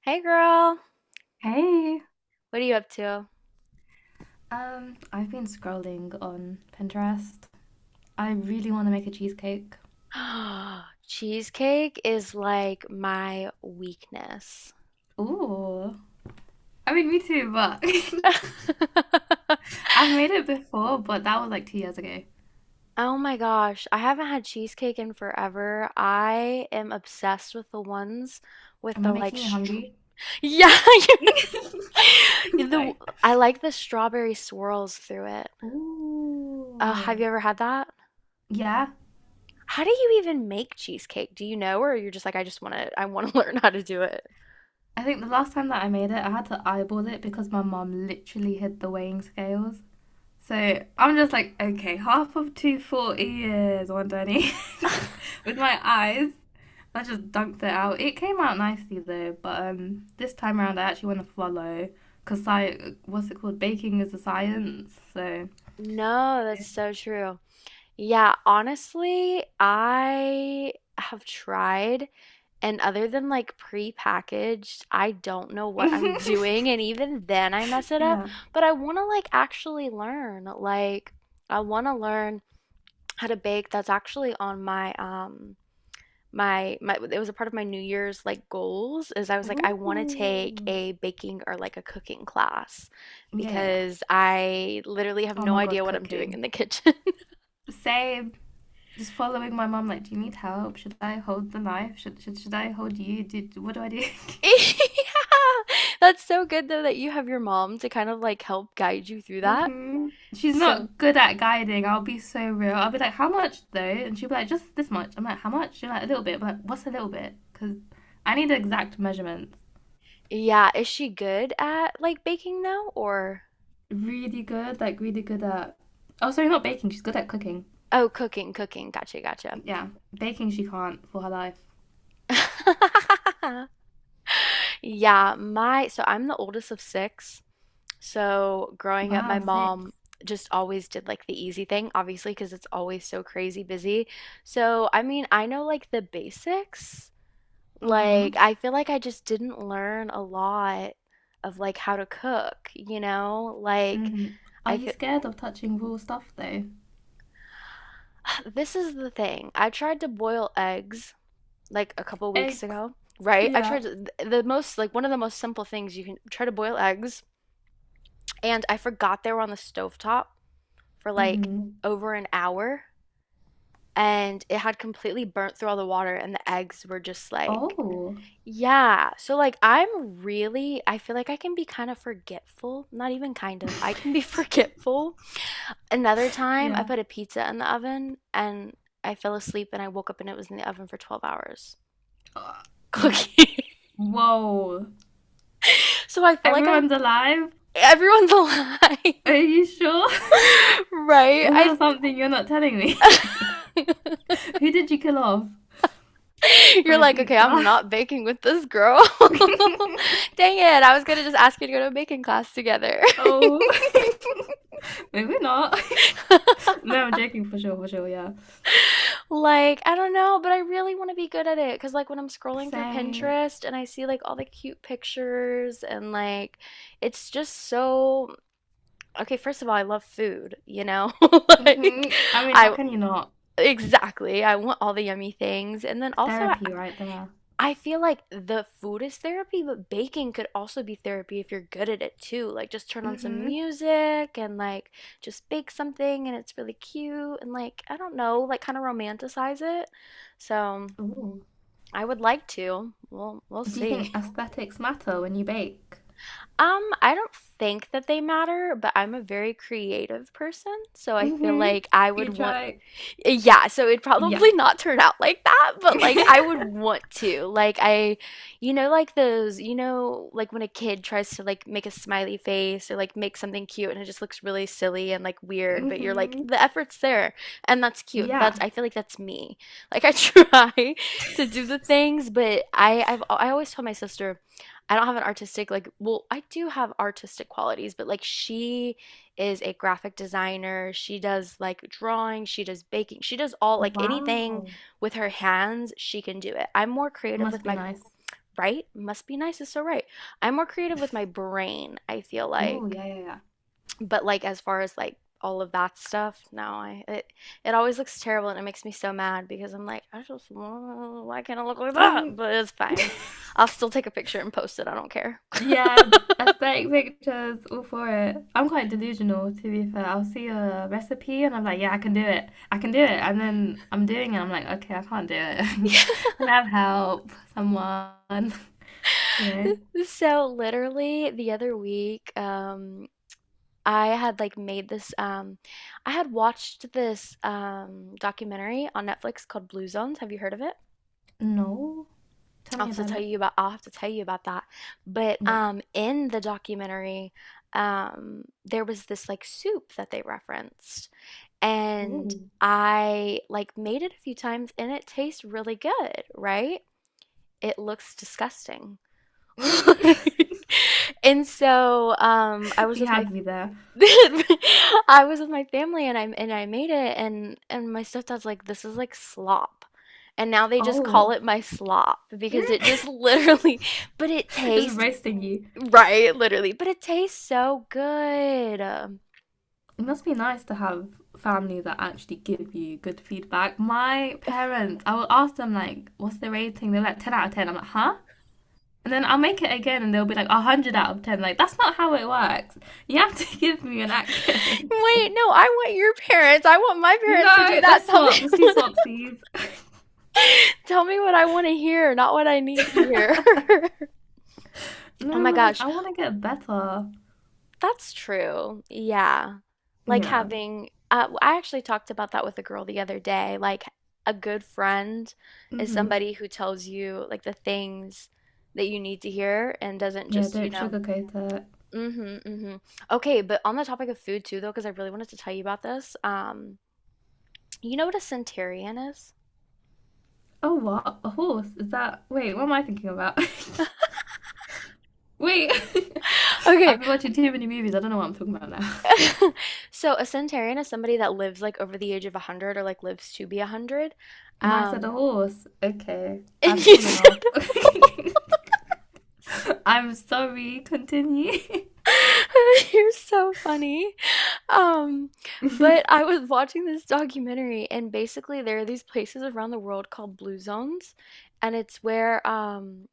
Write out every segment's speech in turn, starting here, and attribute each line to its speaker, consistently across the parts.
Speaker 1: Hey girl,
Speaker 2: Hey,
Speaker 1: what are you up to?
Speaker 2: I've been scrolling on Pinterest. I really want to make a cheesecake.
Speaker 1: Cheesecake is like my weakness.
Speaker 2: Ooh, I mean, me too, but I've made it before, but that was like 2 years ago.
Speaker 1: Oh my gosh, I haven't had cheesecake in forever. I am obsessed with the ones with
Speaker 2: Am
Speaker 1: the
Speaker 2: I
Speaker 1: like
Speaker 2: making you
Speaker 1: str
Speaker 2: hungry?
Speaker 1: Yeah,
Speaker 2: I'm
Speaker 1: the
Speaker 2: sorry.
Speaker 1: I like the strawberry swirls through it. Have you
Speaker 2: Ooh,
Speaker 1: ever had that?
Speaker 2: yeah.
Speaker 1: How do you even make cheesecake? Do you know, or you're just like, I just want to, I want to learn how to do it?
Speaker 2: I think the last time that I made it, I had to eyeball it because my mom literally hid the weighing scales. So I'm just like, okay, half of 240 is 120 with my eyes. I just dunked it out. It came out nicely though, but this time around I actually want to follow because what's it called? Baking is a science. So
Speaker 1: No, that's so true. Yeah, honestly, I have tried, and other than like pre-packaged, I don't know what I'm doing, and even then I mess it up.
Speaker 2: yeah.
Speaker 1: But I want to like actually learn. Like I want to learn how to bake. That's actually on my my it was a part of my New Year's like goals is I was like I want to take
Speaker 2: Ooh.
Speaker 1: a baking or like a cooking class
Speaker 2: Yeah, yeah, yeah.
Speaker 1: because I literally have
Speaker 2: Oh
Speaker 1: no
Speaker 2: my God,
Speaker 1: idea what I'm doing
Speaker 2: cooking.
Speaker 1: in the kitchen.
Speaker 2: Same. Just following my mom. Like, do you need help? Should I hold the knife? Should I hold you? Did what do I do?
Speaker 1: Yeah. That's so good though that you have your mom to kind of like help guide you through that.
Speaker 2: Hmm. She's
Speaker 1: So,
Speaker 2: not good at guiding. I'll be so real. I'll be like, how much though? And she'll be like, just this much. I'm like, how much? She'll be like, a little bit. I'm like, what's a little bit? Because I need the exact measurements.
Speaker 1: yeah, is she good at like baking though or
Speaker 2: Really good, like really good at. Oh, sorry, not baking. She's good at cooking.
Speaker 1: oh, cooking, cooking. Gotcha, gotcha.
Speaker 2: Yeah, baking she can't for her life.
Speaker 1: Yeah, my so I'm the oldest of six. So growing up, my
Speaker 2: Wow. Yeah. 6.
Speaker 1: mom just always did like the easy thing, obviously, because it's always so crazy busy. So I mean, I know like the basics.
Speaker 2: Mm-hmm.
Speaker 1: Like, I feel like I just didn't learn a lot of like how to cook, you know? Like,
Speaker 2: Mm-hmm. Are
Speaker 1: I
Speaker 2: you
Speaker 1: feel
Speaker 2: scared of touching raw stuff though?
Speaker 1: this is the thing. I tried to boil eggs like a couple weeks
Speaker 2: Eggs.
Speaker 1: ago, right? I
Speaker 2: Yeah.
Speaker 1: tried to, the most like one of the most simple things you can try to boil eggs, and I forgot they were on the stovetop for like
Speaker 2: Mm-hmm.
Speaker 1: over an hour, and it had completely burnt through all the water, and the eggs were just like
Speaker 2: Oh.
Speaker 1: yeah. So like I'm really I feel like I can be kind of forgetful, not even kind of. I can be forgetful. Another time I
Speaker 2: Yeah.
Speaker 1: put a pizza in the oven and I fell asleep and I woke up and it was in the oven for 12 hours
Speaker 2: Uh,
Speaker 1: cooking.
Speaker 2: Whoa.
Speaker 1: So I feel like I'm
Speaker 2: Everyone's alive?
Speaker 1: everyone's alive.
Speaker 2: Are you sure?
Speaker 1: Right?
Speaker 2: Is
Speaker 1: I
Speaker 2: there something you're not telling me? Who did you kill off for
Speaker 1: You're
Speaker 2: a
Speaker 1: like, "Okay,
Speaker 2: pizza?
Speaker 1: I'm not baking with this girl." Dang it. I was going to just ask you to go to a baking class together.
Speaker 2: Oh. Maybe not. No, I'm joking, for sure, yeah.
Speaker 1: Like, I don't know, but I really want to be good at it. Cause like when I'm scrolling
Speaker 2: So,
Speaker 1: through
Speaker 2: hmm.
Speaker 1: Pinterest and I see like all the cute pictures and like it's just so okay, first of all, I love food, you know? Like
Speaker 2: I mean, how
Speaker 1: I
Speaker 2: can you not?
Speaker 1: exactly. I want all the yummy things. And then also
Speaker 2: Therapy right there.
Speaker 1: I feel like the food is therapy, but baking could also be therapy if you're good at it too. Like just turn on some
Speaker 2: Mm-hmm.
Speaker 1: music and like just bake something and it's really cute and like I don't know, like kind of romanticize it. So
Speaker 2: Ooh.
Speaker 1: I would like to. We'll
Speaker 2: Do you
Speaker 1: see.
Speaker 2: think aesthetics matter when you bake?
Speaker 1: I don't think that they matter, but I'm a very creative person, so I feel
Speaker 2: Mm-hmm.
Speaker 1: like I would
Speaker 2: You
Speaker 1: want
Speaker 2: try.
Speaker 1: yeah, so it'd
Speaker 2: Yeah.
Speaker 1: probably not turn out like that, but like I would want to. Like I, you know, like those, you know, like when a kid tries to like make a smiley face or like make something cute and it just looks really silly and like weird, but you're like
Speaker 2: Mm-hmm.
Speaker 1: the effort's there and that's cute. That's
Speaker 2: Yeah.
Speaker 1: I feel like that's me. Like I try to do the things, but I always tell my sister I don't have an artistic like well, I do have artistic qualities, but like she is a graphic designer. She does like drawing, she does baking, she does all like anything
Speaker 2: Wow.
Speaker 1: with her hands, she can do it. I'm more creative
Speaker 2: Must
Speaker 1: with
Speaker 2: be
Speaker 1: my
Speaker 2: nice.
Speaker 1: right? Must be nice it's so right. I'm more creative with my brain, I feel
Speaker 2: Oh,
Speaker 1: like.
Speaker 2: yeah, yeah, yeah.
Speaker 1: But like as far as like all of that stuff, no, I it always looks terrible and it makes me so mad because I'm like, I just why can't I look like that?
Speaker 2: Mm,
Speaker 1: But it's fine. I'll still take a picture and post it. I don't care.
Speaker 2: yeah, aesthetic pictures, all for it. I'm quite delusional, to be fair. I'll see a recipe and I'm like, yeah, I can do it. I can do it. And then I'm doing it. I'm like, okay, I can't do it. Can I have help? You know?
Speaker 1: So literally the other week, I had like made this I had watched this documentary on Netflix called Blue Zones. Have you heard of it?
Speaker 2: No. Tell
Speaker 1: I'll
Speaker 2: me
Speaker 1: have to
Speaker 2: about
Speaker 1: tell
Speaker 2: it.
Speaker 1: you about I'll have to tell you about that. But
Speaker 2: Yeah.
Speaker 1: in the documentary, there was this like soup that they referenced and
Speaker 2: Ooh.
Speaker 1: I like made it a few times and it tastes really good, right? It looks disgusting.
Speaker 2: Mm.
Speaker 1: And so, I was
Speaker 2: You
Speaker 1: with my
Speaker 2: had me there.
Speaker 1: I was with my family and I made it and my stepdad's like, this is like slop. And now they just call
Speaker 2: Oh.
Speaker 1: it my slop because it just
Speaker 2: Mm.
Speaker 1: literally, but it
Speaker 2: Just
Speaker 1: tastes
Speaker 2: roasting you.
Speaker 1: right, literally, but it tastes so good.
Speaker 2: It must be nice to have family that actually give you good feedback. My parents, I will ask them like, "What's the rating?" They're like, "10 out of 10." I'm like, "Huh?" And then I'll make it again, and they'll be like, "100 out of 10." Like that's not how it works. You have to give me an accurate
Speaker 1: Wait,
Speaker 2: rating.
Speaker 1: no, I want your parents. I want my parents to do
Speaker 2: No,
Speaker 1: that.
Speaker 2: let's
Speaker 1: Tell me
Speaker 2: swap. Let's do
Speaker 1: what,
Speaker 2: swapsies.
Speaker 1: tell me what I want to hear, not what I need to hear.
Speaker 2: No,
Speaker 1: Oh my
Speaker 2: we're like,
Speaker 1: gosh.
Speaker 2: I want to get better.
Speaker 1: That's true. Yeah. Like
Speaker 2: Yeah.
Speaker 1: having, I actually talked about that with a girl the other day. Like a good friend is
Speaker 2: Mhm.
Speaker 1: somebody who tells you like the things that you need to hear and doesn't
Speaker 2: Yeah.
Speaker 1: just, you
Speaker 2: Don't
Speaker 1: know,
Speaker 2: sugarcoat it.
Speaker 1: mm-hmm, mm-hmm. Okay, but on the topic of food too, though, because I really wanted to tell you about this. You know what a centurion is?
Speaker 2: Oh, what? A horse? Is that? Wait, what am I thinking about? Wait. I've
Speaker 1: Okay.
Speaker 2: been watching too many movies. I don't know what I'm talking about now.
Speaker 1: So a centurion is somebody that lives like over the age of 100 or like lives to be 100.
Speaker 2: And I said,
Speaker 1: Um,
Speaker 2: a horse. Okay,
Speaker 1: and
Speaker 2: I've
Speaker 1: you
Speaker 2: fallen
Speaker 1: said
Speaker 2: off. I'm sorry, continue.
Speaker 1: you're so funny. Um, but I was watching this documentary, and basically there are these places around the world called blue zones, and it's where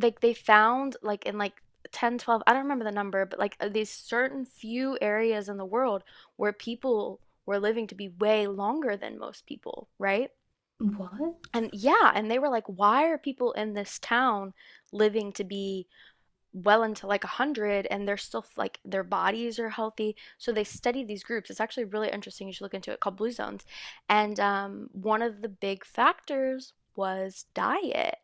Speaker 1: like they found like in like 1012 I don't remember the number, but like these certain few areas in the world where people were living to be way longer than most people, right?
Speaker 2: What?
Speaker 1: And yeah, and they were like, why are people in this town living to be well into like 100 and they're still like their bodies are healthy, so they study these groups. It's actually really interesting, you should look into it, called blue zones. And One of the big factors was diet,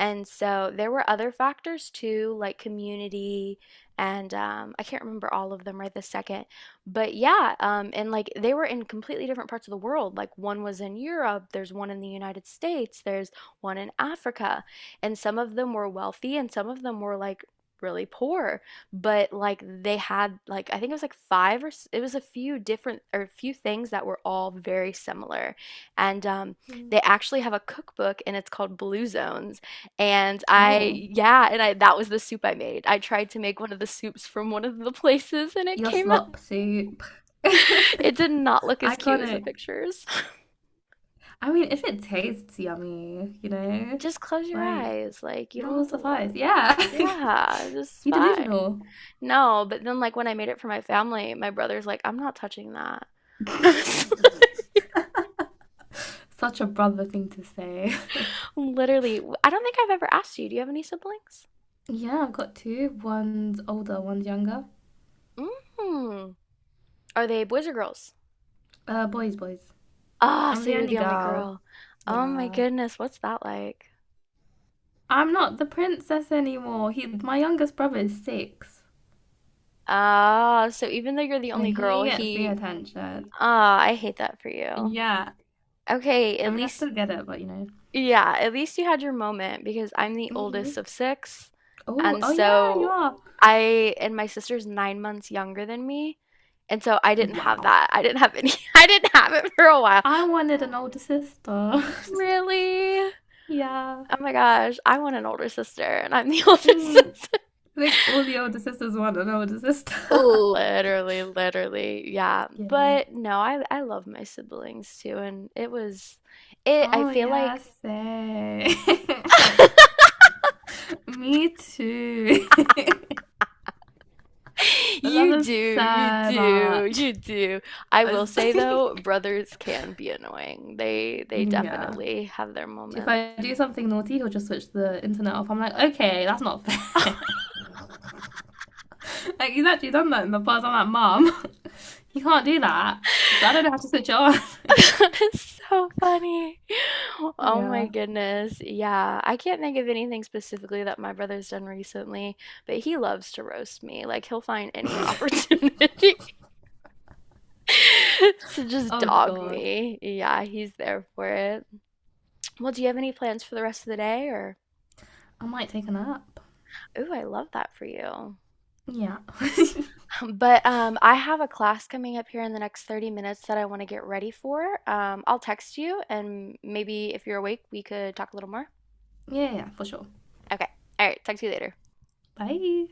Speaker 1: and so there were other factors too, like community, and I can't remember all of them right this second. But yeah, and like they were in completely different parts of the world. Like one was in Europe, there's one in the United States, there's one in Africa. And some of them were wealthy and some of them were like really poor. But like they had, like, I think it was like five or it was a few different or a few things that were all very similar. And
Speaker 2: Mm.
Speaker 1: They actually have a cookbook and it's called Blue Zones and
Speaker 2: Oh,
Speaker 1: I, yeah, and I that was the soup I made. I tried to make one of the soups from one of the places and it
Speaker 2: your
Speaker 1: came out.
Speaker 2: slop soup.
Speaker 1: It did not look as cute as the
Speaker 2: Iconic.
Speaker 1: pictures.
Speaker 2: I mean, if it tastes yummy, you know,
Speaker 1: Just close your
Speaker 2: like
Speaker 1: eyes. Like, you
Speaker 2: it
Speaker 1: don't
Speaker 2: will
Speaker 1: have to
Speaker 2: suffice.
Speaker 1: look.
Speaker 2: Yeah.
Speaker 1: Yeah, it's just
Speaker 2: You
Speaker 1: fine.
Speaker 2: delusional.
Speaker 1: No, but then like when I made it for my family, my brother's like, I'm not touching that. I was
Speaker 2: Such a brother thing to say.
Speaker 1: literally, I don't think I've ever asked you, do you have any siblings?
Speaker 2: Yeah, I've got two. One's older, one's younger.
Speaker 1: Mm. Are they boys or girls?
Speaker 2: Boys, boys.
Speaker 1: Ah,
Speaker 2: I'm
Speaker 1: so
Speaker 2: the
Speaker 1: you're
Speaker 2: only
Speaker 1: the only
Speaker 2: girl.
Speaker 1: girl. Oh my
Speaker 2: Yeah.
Speaker 1: goodness, what's that like?
Speaker 2: I'm not the princess anymore. My youngest brother is six,
Speaker 1: Ah, so even though you're the
Speaker 2: so
Speaker 1: only girl,
Speaker 2: he gets the
Speaker 1: he
Speaker 2: attention.
Speaker 1: ah, I hate that for you.
Speaker 2: Yeah,
Speaker 1: Okay,
Speaker 2: I
Speaker 1: at
Speaker 2: mean, I
Speaker 1: least
Speaker 2: still get it, but you know.
Speaker 1: yeah, at least you had your moment because I'm the
Speaker 2: Hmm.
Speaker 1: oldest of six.
Speaker 2: Oh,
Speaker 1: And
Speaker 2: oh yeah, you
Speaker 1: so
Speaker 2: are.
Speaker 1: I and my sister's 9 months younger than me. And so I didn't have
Speaker 2: Wow,
Speaker 1: that. I didn't have any I didn't have it for a while.
Speaker 2: I wanted an older sister.
Speaker 1: Really?
Speaker 2: Yeah.
Speaker 1: Oh my gosh, I want an older sister and I'm the older
Speaker 2: Mm.
Speaker 1: sister.
Speaker 2: I think all the older sisters want an older sister.
Speaker 1: Literally, literally, yeah.
Speaker 2: Yeah.
Speaker 1: But no, I love my siblings too, and it was it. I
Speaker 2: Oh
Speaker 1: feel
Speaker 2: yeah,
Speaker 1: like
Speaker 2: say. Me too. I love
Speaker 1: you
Speaker 2: them
Speaker 1: do, you
Speaker 2: so
Speaker 1: do,
Speaker 2: much.
Speaker 1: you do. I
Speaker 2: I
Speaker 1: will say though,
Speaker 2: was-
Speaker 1: brothers can be annoying. They
Speaker 2: yeah,
Speaker 1: definitely have their
Speaker 2: if
Speaker 1: moments.
Speaker 2: I do something naughty, he'll just switch the internet off. I'm like, okay, that's not fair. Like, he's actually done that in the past. I'm like, mom, you can't do that because I don't know how to switch it on.
Speaker 1: That is so funny. Oh my
Speaker 2: Yeah.
Speaker 1: goodness. Yeah, I can't think of anything specifically that my brother's done recently, but he loves to roast me. Like he'll find any opportunity. To just
Speaker 2: Oh,
Speaker 1: dog
Speaker 2: God.
Speaker 1: me. Yeah, he's there for it. Well, do you have any plans for the rest of the day or
Speaker 2: I might take a nap.
Speaker 1: ooh, I love that for you.
Speaker 2: Yeah.
Speaker 1: But, I have a class coming up here in the next 30 minutes that I wanna get ready for. I'll text you and maybe if you're awake, we could talk a little more?
Speaker 2: Yeah, yeah, for sure.
Speaker 1: Okay. All right, talk to you later.
Speaker 2: Bye.